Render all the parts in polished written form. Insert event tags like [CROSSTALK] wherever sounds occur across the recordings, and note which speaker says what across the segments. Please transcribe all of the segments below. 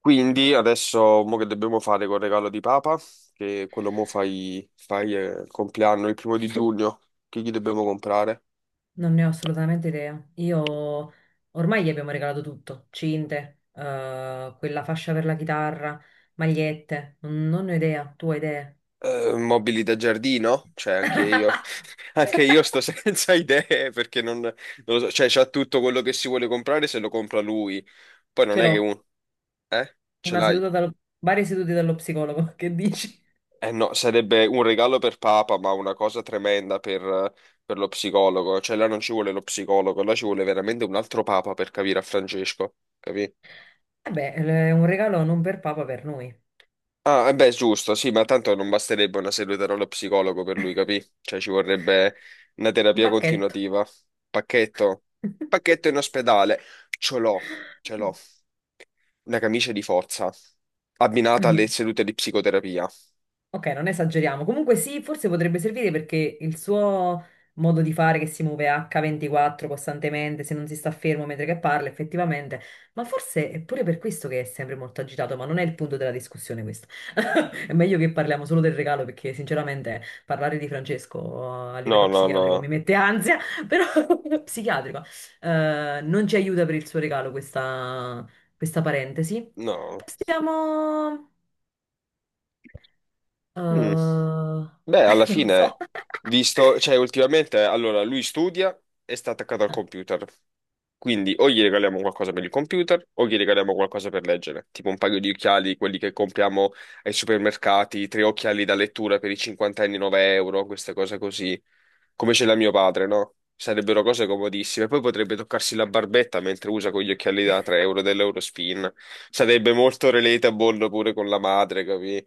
Speaker 1: Quindi adesso mo che dobbiamo fare col regalo di Papa, che quello mo fai, fai il compleanno il primo di giugno, che gli dobbiamo comprare?
Speaker 2: Non ne ho assolutamente idea. Io ormai gli abbiamo regalato tutto, cinte, quella fascia per la chitarra, magliette, non ne ho idea, tu hai idee.
Speaker 1: Mobili da giardino? Cioè anche io,
Speaker 2: [LAUGHS]
Speaker 1: [LAUGHS] anche io sto senza idee perché non lo so, cioè c'ha tutto quello che si vuole comprare se lo compra lui, poi non
Speaker 2: Ce
Speaker 1: è che
Speaker 2: l'ho,
Speaker 1: un... Eh? Ce
Speaker 2: una
Speaker 1: l'hai?
Speaker 2: seduta dallo, varie sedute dallo psicologo, [LAUGHS] che dici?
Speaker 1: Eh no, sarebbe un regalo per Papa, ma una cosa tremenda per lo psicologo. Cioè, là non ci vuole lo psicologo, là ci vuole veramente un altro Papa per capire a Francesco, capì?
Speaker 2: Vabbè, è un regalo non per papa, per noi,
Speaker 1: Ah, eh beh, giusto, sì, ma tanto non basterebbe una seduta dallo psicologo per lui, capì? Cioè, ci vorrebbe una
Speaker 2: un
Speaker 1: terapia
Speaker 2: pacchetto.
Speaker 1: continuativa. Pacchetto. Pacchetto in ospedale. Ce l'ho, ce l'ho. Una camicia di forza, abbinata alle
Speaker 2: [LAUGHS]
Speaker 1: sedute di psicoterapia.
Speaker 2: Ok, non esageriamo. Comunque sì, forse potrebbe servire perché il suo modo di fare che si muove H24 costantemente, se non si sta fermo mentre che parla, effettivamente. Ma forse è pure per questo che è sempre molto agitato, ma non è il punto della discussione questo. [LAUGHS] È meglio che parliamo solo del regalo perché sinceramente parlare di Francesco a
Speaker 1: No,
Speaker 2: livello
Speaker 1: no,
Speaker 2: psichiatrico mi
Speaker 1: no,
Speaker 2: mette ansia, [LAUGHS] però [LAUGHS] psichiatrico non ci aiuta per il suo regalo questa parentesi.
Speaker 1: no.
Speaker 2: Passiamo. Eh,
Speaker 1: Mm. Beh, alla
Speaker 2: [LAUGHS] Non lo
Speaker 1: fine,
Speaker 2: so.
Speaker 1: visto, cioè ultimamente, allora lui studia e sta attaccato al
Speaker 2: Ah,
Speaker 1: computer, quindi o gli regaliamo qualcosa per il computer o gli regaliamo qualcosa per leggere, tipo un paio di occhiali, quelli che compriamo ai supermercati, tre occhiali da lettura per i cinquantenni, 9 euro, queste cose così, come ce l'ha mio padre, no? Sarebbero cose comodissime. Poi potrebbe toccarsi la barbetta mentre usa con gli occhiali da 3 euro dell'Eurospin. Sarebbe molto relatable pure con la madre, capi?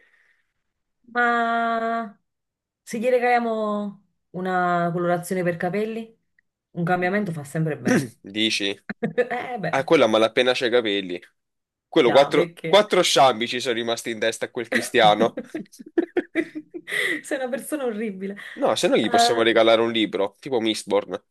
Speaker 2: ma se gli regaliamo una colorazione per capelli, un cambiamento fa sempre bene.
Speaker 1: [CLEARS THROAT] Dici?
Speaker 2: [LAUGHS] Eh beh,
Speaker 1: Ah, quello a malapena c'ha i capelli. Quello,
Speaker 2: già, perché?
Speaker 1: quattro sciambi ci sono rimasti in testa a quel Cristiano.
Speaker 2: [LAUGHS]
Speaker 1: [LAUGHS]
Speaker 2: Sei una persona orribile.
Speaker 1: No, se no gli possiamo
Speaker 2: Ah,
Speaker 1: regalare un libro, tipo Mistborn.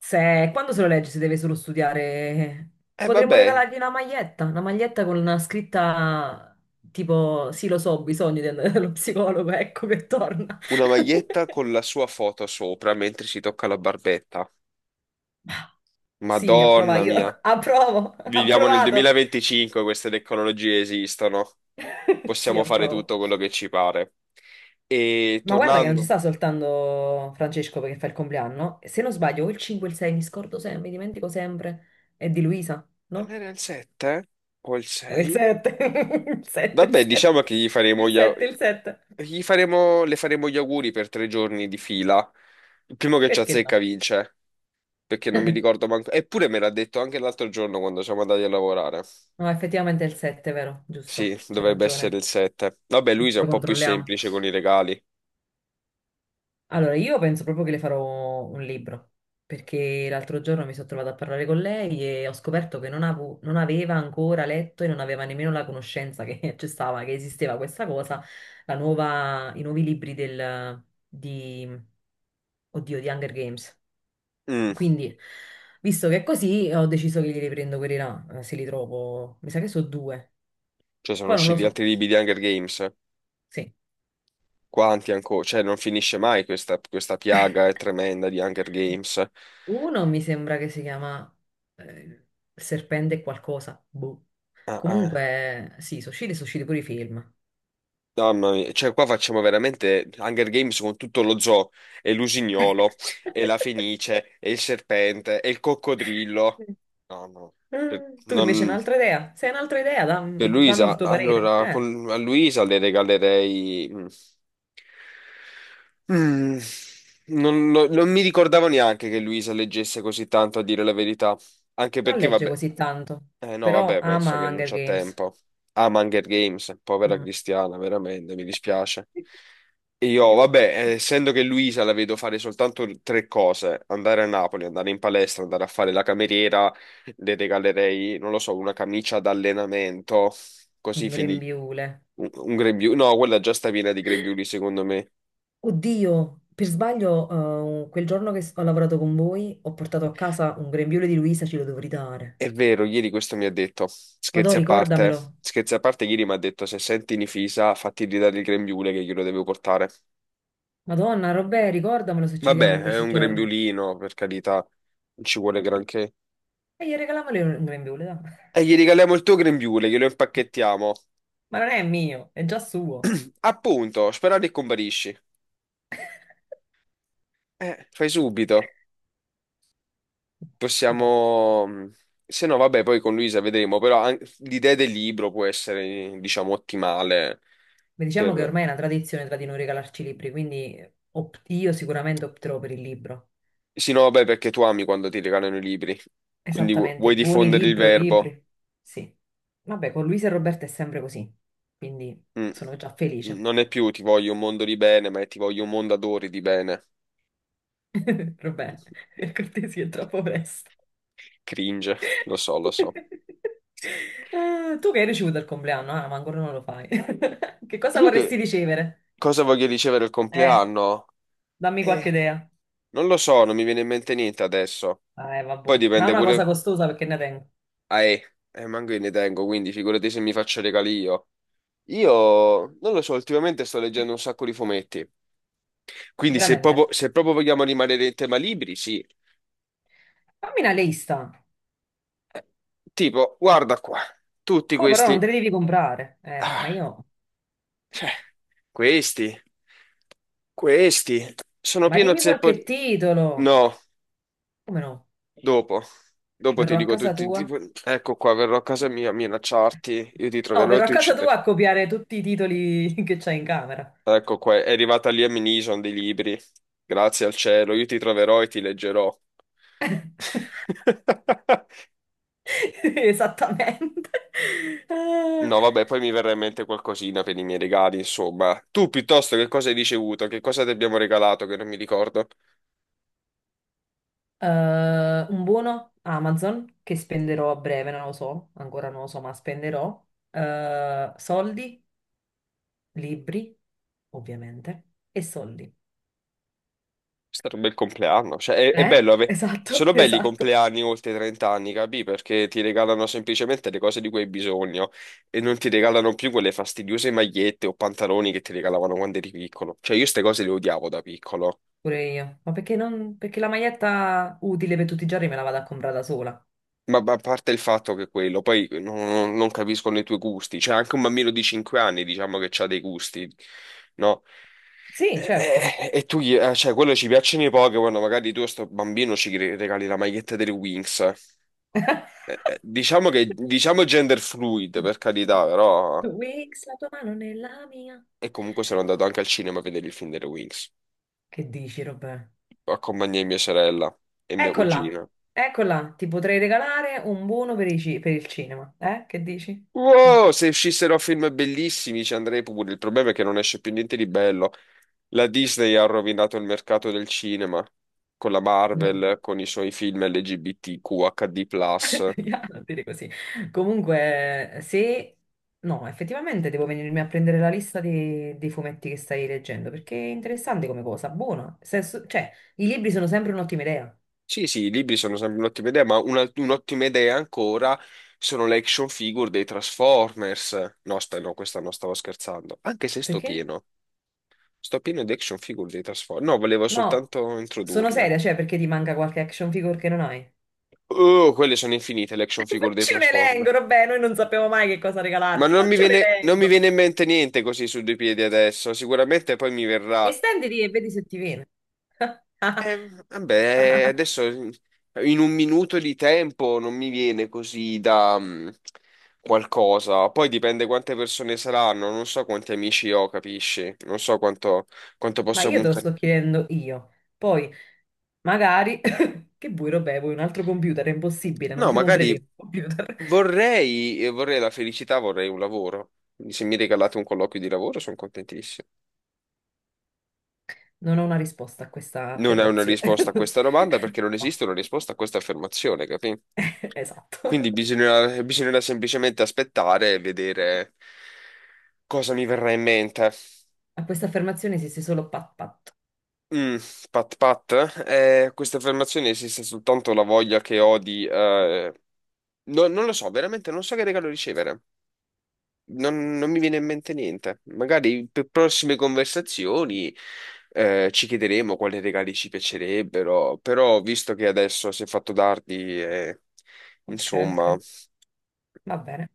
Speaker 2: se, quando se lo legge se deve solo studiare,
Speaker 1: E
Speaker 2: potremmo
Speaker 1: vabbè,
Speaker 2: regalargli una maglietta con una scritta tipo, sì lo so, ho bisogno di andare [LAUGHS] dallo psicologo, ecco che torna.
Speaker 1: una maglietta
Speaker 2: [LAUGHS]
Speaker 1: con la sua foto sopra mentre si tocca la barbetta.
Speaker 2: Sì, approva,
Speaker 1: Madonna
Speaker 2: io
Speaker 1: mia.
Speaker 2: [LAUGHS] approvo, [LAUGHS]
Speaker 1: Viviamo nel
Speaker 2: approvato.
Speaker 1: 2025, queste tecnologie esistono.
Speaker 2: [LAUGHS] Sì,
Speaker 1: Possiamo fare
Speaker 2: approvo.
Speaker 1: tutto quello che ci pare. E
Speaker 2: Ma guarda che non ci
Speaker 1: tornando...
Speaker 2: sta soltanto Francesco perché fa il compleanno. Se non sbaglio, o il 5 e il 6, mi scordo sempre, mi dimentico sempre. È di Luisa,
Speaker 1: Non
Speaker 2: no?
Speaker 1: era il 7? O il
Speaker 2: È il
Speaker 1: 6?
Speaker 2: 7. [LAUGHS] Il 7, il
Speaker 1: Vabbè,
Speaker 2: 7.
Speaker 1: diciamo che gli faremo
Speaker 2: Il 7, il 7.
Speaker 1: gli faremo, le faremo gli auguri per tre giorni di fila. Il primo che ci
Speaker 2: Perché no?
Speaker 1: azzecca vince, perché non mi ricordo manco. Eppure me l'ha detto anche l'altro giorno quando siamo andati a lavorare.
Speaker 2: No, effettivamente è il 7, vero?
Speaker 1: Sì,
Speaker 2: Giusto, c'è
Speaker 1: dovrebbe essere il
Speaker 2: ragione.
Speaker 1: 7. Vabbè, Luisa è
Speaker 2: Lo
Speaker 1: un po' più
Speaker 2: controlliamo.
Speaker 1: semplice con i regali.
Speaker 2: Allora, io penso proprio che le farò un libro, perché l'altro giorno mi sono trovata a parlare con lei e ho scoperto che non aveva ancora letto e non aveva nemmeno la conoscenza che [LAUGHS] c'è stava, che esisteva questa cosa, la nuova, i nuovi libri di, oddio, di Hunger Games.
Speaker 1: Mm,
Speaker 2: Quindi, visto che è così, ho deciso che glieli prendo quelli là, se li trovo. Mi sa che sono due.
Speaker 1: cioè sono
Speaker 2: Poi non lo
Speaker 1: usciti
Speaker 2: so.
Speaker 1: altri libri di Hunger Games.
Speaker 2: Sì.
Speaker 1: Quanti ancora? Cioè non finisce mai questa piaga è tremenda di Hunger Games.
Speaker 2: Uno mi sembra che si chiama eh, Serpente qualcosa. Boh.
Speaker 1: Ah, ah.
Speaker 2: Comunque, sì, Sushiro e Sushiro pure i film.
Speaker 1: Mamma mia, cioè qua facciamo veramente Hunger Games con tutto lo zoo, e l'usignolo, e la
Speaker 2: [LAUGHS]
Speaker 1: fenice, e il serpente, e il coccodrillo. No, no, per,
Speaker 2: Tu invece
Speaker 1: non-
Speaker 2: un'altra idea? Se hai un'altra idea,
Speaker 1: per
Speaker 2: dammi il
Speaker 1: Luisa,
Speaker 2: tuo parere.
Speaker 1: allora, a Luisa le regalerei... mm, mm, non mi ricordavo neanche che Luisa leggesse così tanto, a dire la verità, anche
Speaker 2: Non
Speaker 1: perché,
Speaker 2: legge
Speaker 1: vabbè,
Speaker 2: così tanto,
Speaker 1: eh no,
Speaker 2: però
Speaker 1: vabbè, penso che
Speaker 2: ama
Speaker 1: non
Speaker 2: Hunger
Speaker 1: c'ha
Speaker 2: Games.
Speaker 1: tempo. Ama Hunger Games, povera
Speaker 2: Mm.
Speaker 1: Cristiana, veramente, mi dispiace.
Speaker 2: [LAUGHS]
Speaker 1: Io,
Speaker 2: Io.
Speaker 1: vabbè, essendo che Luisa la vedo fare soltanto tre cose, andare a Napoli, andare in palestra, andare a fare la cameriera, le regalerei, non lo so, una camicia d'allenamento, così
Speaker 2: Un
Speaker 1: finì.
Speaker 2: grembiule.
Speaker 1: Un grembiule, no, quella già sta piena di grembiuli, secondo me.
Speaker 2: Oddio, per sbaglio, quel giorno che ho lavorato con voi, ho portato a casa un grembiule di Luisa, ce lo dovrei dare.
Speaker 1: È vero, ieri questo mi ha detto,
Speaker 2: Ma ricordamelo.
Speaker 1: scherzi a parte, ieri mi ha detto, se senti Nifisa, fatti ridare il grembiule che glielo devo portare.
Speaker 2: Madonna, Robè, ricordamelo se ci vediamo in
Speaker 1: Vabbè, è
Speaker 2: questi
Speaker 1: un
Speaker 2: giorni.
Speaker 1: grembiulino, per carità, non ci vuole granché.
Speaker 2: E gli regaliamole un grembiule, dai.
Speaker 1: E gli regaliamo il tuo grembiule, glielo impacchettiamo.
Speaker 2: Ma non è mio, è già suo.
Speaker 1: [CLEARS THROAT] Appunto, sperando che comparisci. Fai subito.
Speaker 2: No.
Speaker 1: Possiamo... mm, se no, vabbè, poi con Luisa vedremo, però l'idea del libro può essere, diciamo, ottimale
Speaker 2: Beh, diciamo che
Speaker 1: per...
Speaker 2: ormai è una tradizione tra di noi regalarci libri, quindi io sicuramente opterò per il libro.
Speaker 1: Sì, no, vabbè, perché tu ami quando ti regalano i libri, quindi vuoi
Speaker 2: Esattamente, buoni
Speaker 1: diffondere il
Speaker 2: libro,
Speaker 1: verbo.
Speaker 2: libri. Sì. Vabbè, con Luisa e Roberta è sempre così, quindi
Speaker 1: Mm.
Speaker 2: sono già felice.
Speaker 1: Non è più ti voglio un mondo di bene, ma è ti voglio un mondo adori di bene.
Speaker 2: [LAUGHS] Robè, per cortesia, è troppo presto.
Speaker 1: Cringe, lo so, lo so.
Speaker 2: Ah, tu che hai ricevuto il compleanno? Ah, ma ancora non lo fai. [LAUGHS] Che cosa
Speaker 1: Io
Speaker 2: vorresti
Speaker 1: che
Speaker 2: ricevere?
Speaker 1: cosa voglio ricevere il
Speaker 2: Eh,
Speaker 1: compleanno?
Speaker 2: Dammi qualche
Speaker 1: Eh,
Speaker 2: idea.
Speaker 1: non lo so, non mi viene in mente niente adesso.
Speaker 2: Vabbè.
Speaker 1: Poi
Speaker 2: Non è
Speaker 1: dipende
Speaker 2: una cosa
Speaker 1: pure...
Speaker 2: costosa perché ne tengo.
Speaker 1: Ah, eh, manco io ne tengo, quindi figurati se mi faccio regali io. Io, non lo so, ultimamente sto leggendo un sacco di fumetti. Quindi
Speaker 2: Veramente.
Speaker 1: se proprio vogliamo rimanere in tema libri, sì.
Speaker 2: Fammi una lista.
Speaker 1: Eh, tipo, guarda qua, tutti
Speaker 2: Poi però non
Speaker 1: questi...
Speaker 2: te li devi comprare. Ma
Speaker 1: Ah,
Speaker 2: io...
Speaker 1: cioè, questi, questi, sono
Speaker 2: Ma
Speaker 1: pieno
Speaker 2: dimmi
Speaker 1: zeppo...
Speaker 2: qualche titolo.
Speaker 1: No.
Speaker 2: Come no?
Speaker 1: Dopo, dopo ti
Speaker 2: Verrò a
Speaker 1: dico
Speaker 2: casa
Speaker 1: tutti,
Speaker 2: tua?
Speaker 1: tipo, ecco qua, verrò a casa mia a minacciarti, io ti
Speaker 2: No,
Speaker 1: troverò e
Speaker 2: verrò a
Speaker 1: ti
Speaker 2: casa tua
Speaker 1: ucciderò.
Speaker 2: a copiare tutti i titoli [LAUGHS] che c'hai in camera.
Speaker 1: Ecco qua, è arrivata lì a Minison dei libri, grazie al cielo, io ti troverò e ti leggerò. [LAUGHS]
Speaker 2: [LAUGHS] Esattamente. Ah,
Speaker 1: No, vabbè, poi mi verrà in mente qualcosina per i miei regali, insomma. Tu piuttosto che cosa hai ricevuto? Che cosa ti abbiamo regalato che non mi ricordo?
Speaker 2: Un buono Amazon che spenderò a breve, non lo so, ancora non lo so, ma spenderò. Soldi, libri, ovviamente, e soldi.
Speaker 1: È stato un bel compleanno,
Speaker 2: Eh? Esatto,
Speaker 1: sono
Speaker 2: [LAUGHS]
Speaker 1: belli i
Speaker 2: esatto.
Speaker 1: compleanni oltre i 30 anni, capì? Perché ti regalano semplicemente le cose di cui hai bisogno e non ti regalano più quelle fastidiose magliette o pantaloni che ti regalavano quando eri piccolo. Cioè io queste cose le odiavo da piccolo,
Speaker 2: Pure io. Ma perché non... perché la maglietta utile per tutti i giorni me la vado a comprare da sola.
Speaker 1: ma a parte il fatto che quello, poi non, non- non capiscono i tuoi gusti, cioè anche un bambino di 5 anni diciamo che ha dei gusti, no?
Speaker 2: Sì,
Speaker 1: E,
Speaker 2: certo.
Speaker 1: e- e tu, cioè quello ci piacciono i Pokémon, magari tu a sto bambino ci regali la maglietta delle Wings.
Speaker 2: [LAUGHS]
Speaker 1: Diciamo che diciamo gender fluid, per carità, però.
Speaker 2: Wix, la tua mano nella mia.
Speaker 1: E comunque sono andato anche al cinema a vedere il film delle Wings.
Speaker 2: Che dici, Robè?
Speaker 1: Accompagnai mia sorella e mia
Speaker 2: Eccola,
Speaker 1: cugina.
Speaker 2: eccola, ti potrei regalare un buono per per il cinema, eh? Che dici?
Speaker 1: Wow, se
Speaker 2: [LAUGHS]
Speaker 1: uscissero film bellissimi ci andrei pure. Il problema è che non esce più niente di bello. La Disney ha rovinato il mercato del cinema con la
Speaker 2: No,
Speaker 1: Marvel, con i suoi film LGBTQHD+.
Speaker 2: [LAUGHS] ya, non dire così. Comunque, se... no, effettivamente devo venirmi a prendere la lista dei fumetti che stai leggendo, perché è interessante come cosa, buona. Cioè, i libri sono sempre un'ottima idea.
Speaker 1: Sì, sì, i libri sono sempre un'ottima idea, ma un'ottima idea ancora sono le action figure dei Transformers. No, aspetta, no, questa no, stavo scherzando. Anche se sto
Speaker 2: Perché?
Speaker 1: pieno, sto pieno di action figure dei Transformers. No, volevo
Speaker 2: No,
Speaker 1: soltanto
Speaker 2: sono
Speaker 1: introdurle.
Speaker 2: seria, cioè, perché ti manca qualche action figure che non hai?
Speaker 1: Oh, quelle sono infinite le
Speaker 2: [LAUGHS]
Speaker 1: action figure dei
Speaker 2: Facci un
Speaker 1: Transformers.
Speaker 2: elenco, vabbè, noi non sappiamo mai che cosa regalarti, facci un
Speaker 1: Non mi
Speaker 2: elenco.
Speaker 1: viene in mente niente così su due piedi adesso, sicuramente poi mi verrà.
Speaker 2: Estenditi e vedi se ti viene.
Speaker 1: Eh,
Speaker 2: [LAUGHS]
Speaker 1: vabbè, adesso in un minuto di tempo non mi viene così da mm, qualcosa. Poi dipende quante persone saranno, non so quanti amici ho, capisci? Non so quanto, quanto
Speaker 2: Ma
Speaker 1: posso
Speaker 2: io te lo
Speaker 1: puntare.
Speaker 2: sto chiedendo io. Poi, magari, [LAUGHS] che vuoi, Robè, vuoi un altro computer? È impossibile, non
Speaker 1: No,
Speaker 2: ti comprerei
Speaker 1: magari
Speaker 2: un computer. [LAUGHS]
Speaker 1: vorrei, vorrei la felicità, vorrei un lavoro. Quindi se mi regalate un colloquio di lavoro sono contentissimo.
Speaker 2: Non ho una risposta a questa
Speaker 1: Non è una
Speaker 2: affermazione.
Speaker 1: risposta a questa
Speaker 2: [LAUGHS]
Speaker 1: domanda perché non
Speaker 2: No,
Speaker 1: esiste una risposta a questa affermazione, capì?
Speaker 2: [LAUGHS]
Speaker 1: Quindi
Speaker 2: esatto.
Speaker 1: bisognerà semplicemente aspettare e vedere cosa mi verrà in mente.
Speaker 2: A questa affermazione esiste solo pat pat.
Speaker 1: Mm, pat pat, questa affermazione esiste soltanto la voglia che ho di... non lo so, veramente non so che regalo ricevere. Non mi viene in mente niente. Magari per prossime conversazioni ci chiederemo quali regali ci piacerebbero, però visto che adesso si è fatto tardi,
Speaker 2: Ok,
Speaker 1: insomma...
Speaker 2: ok, va bene.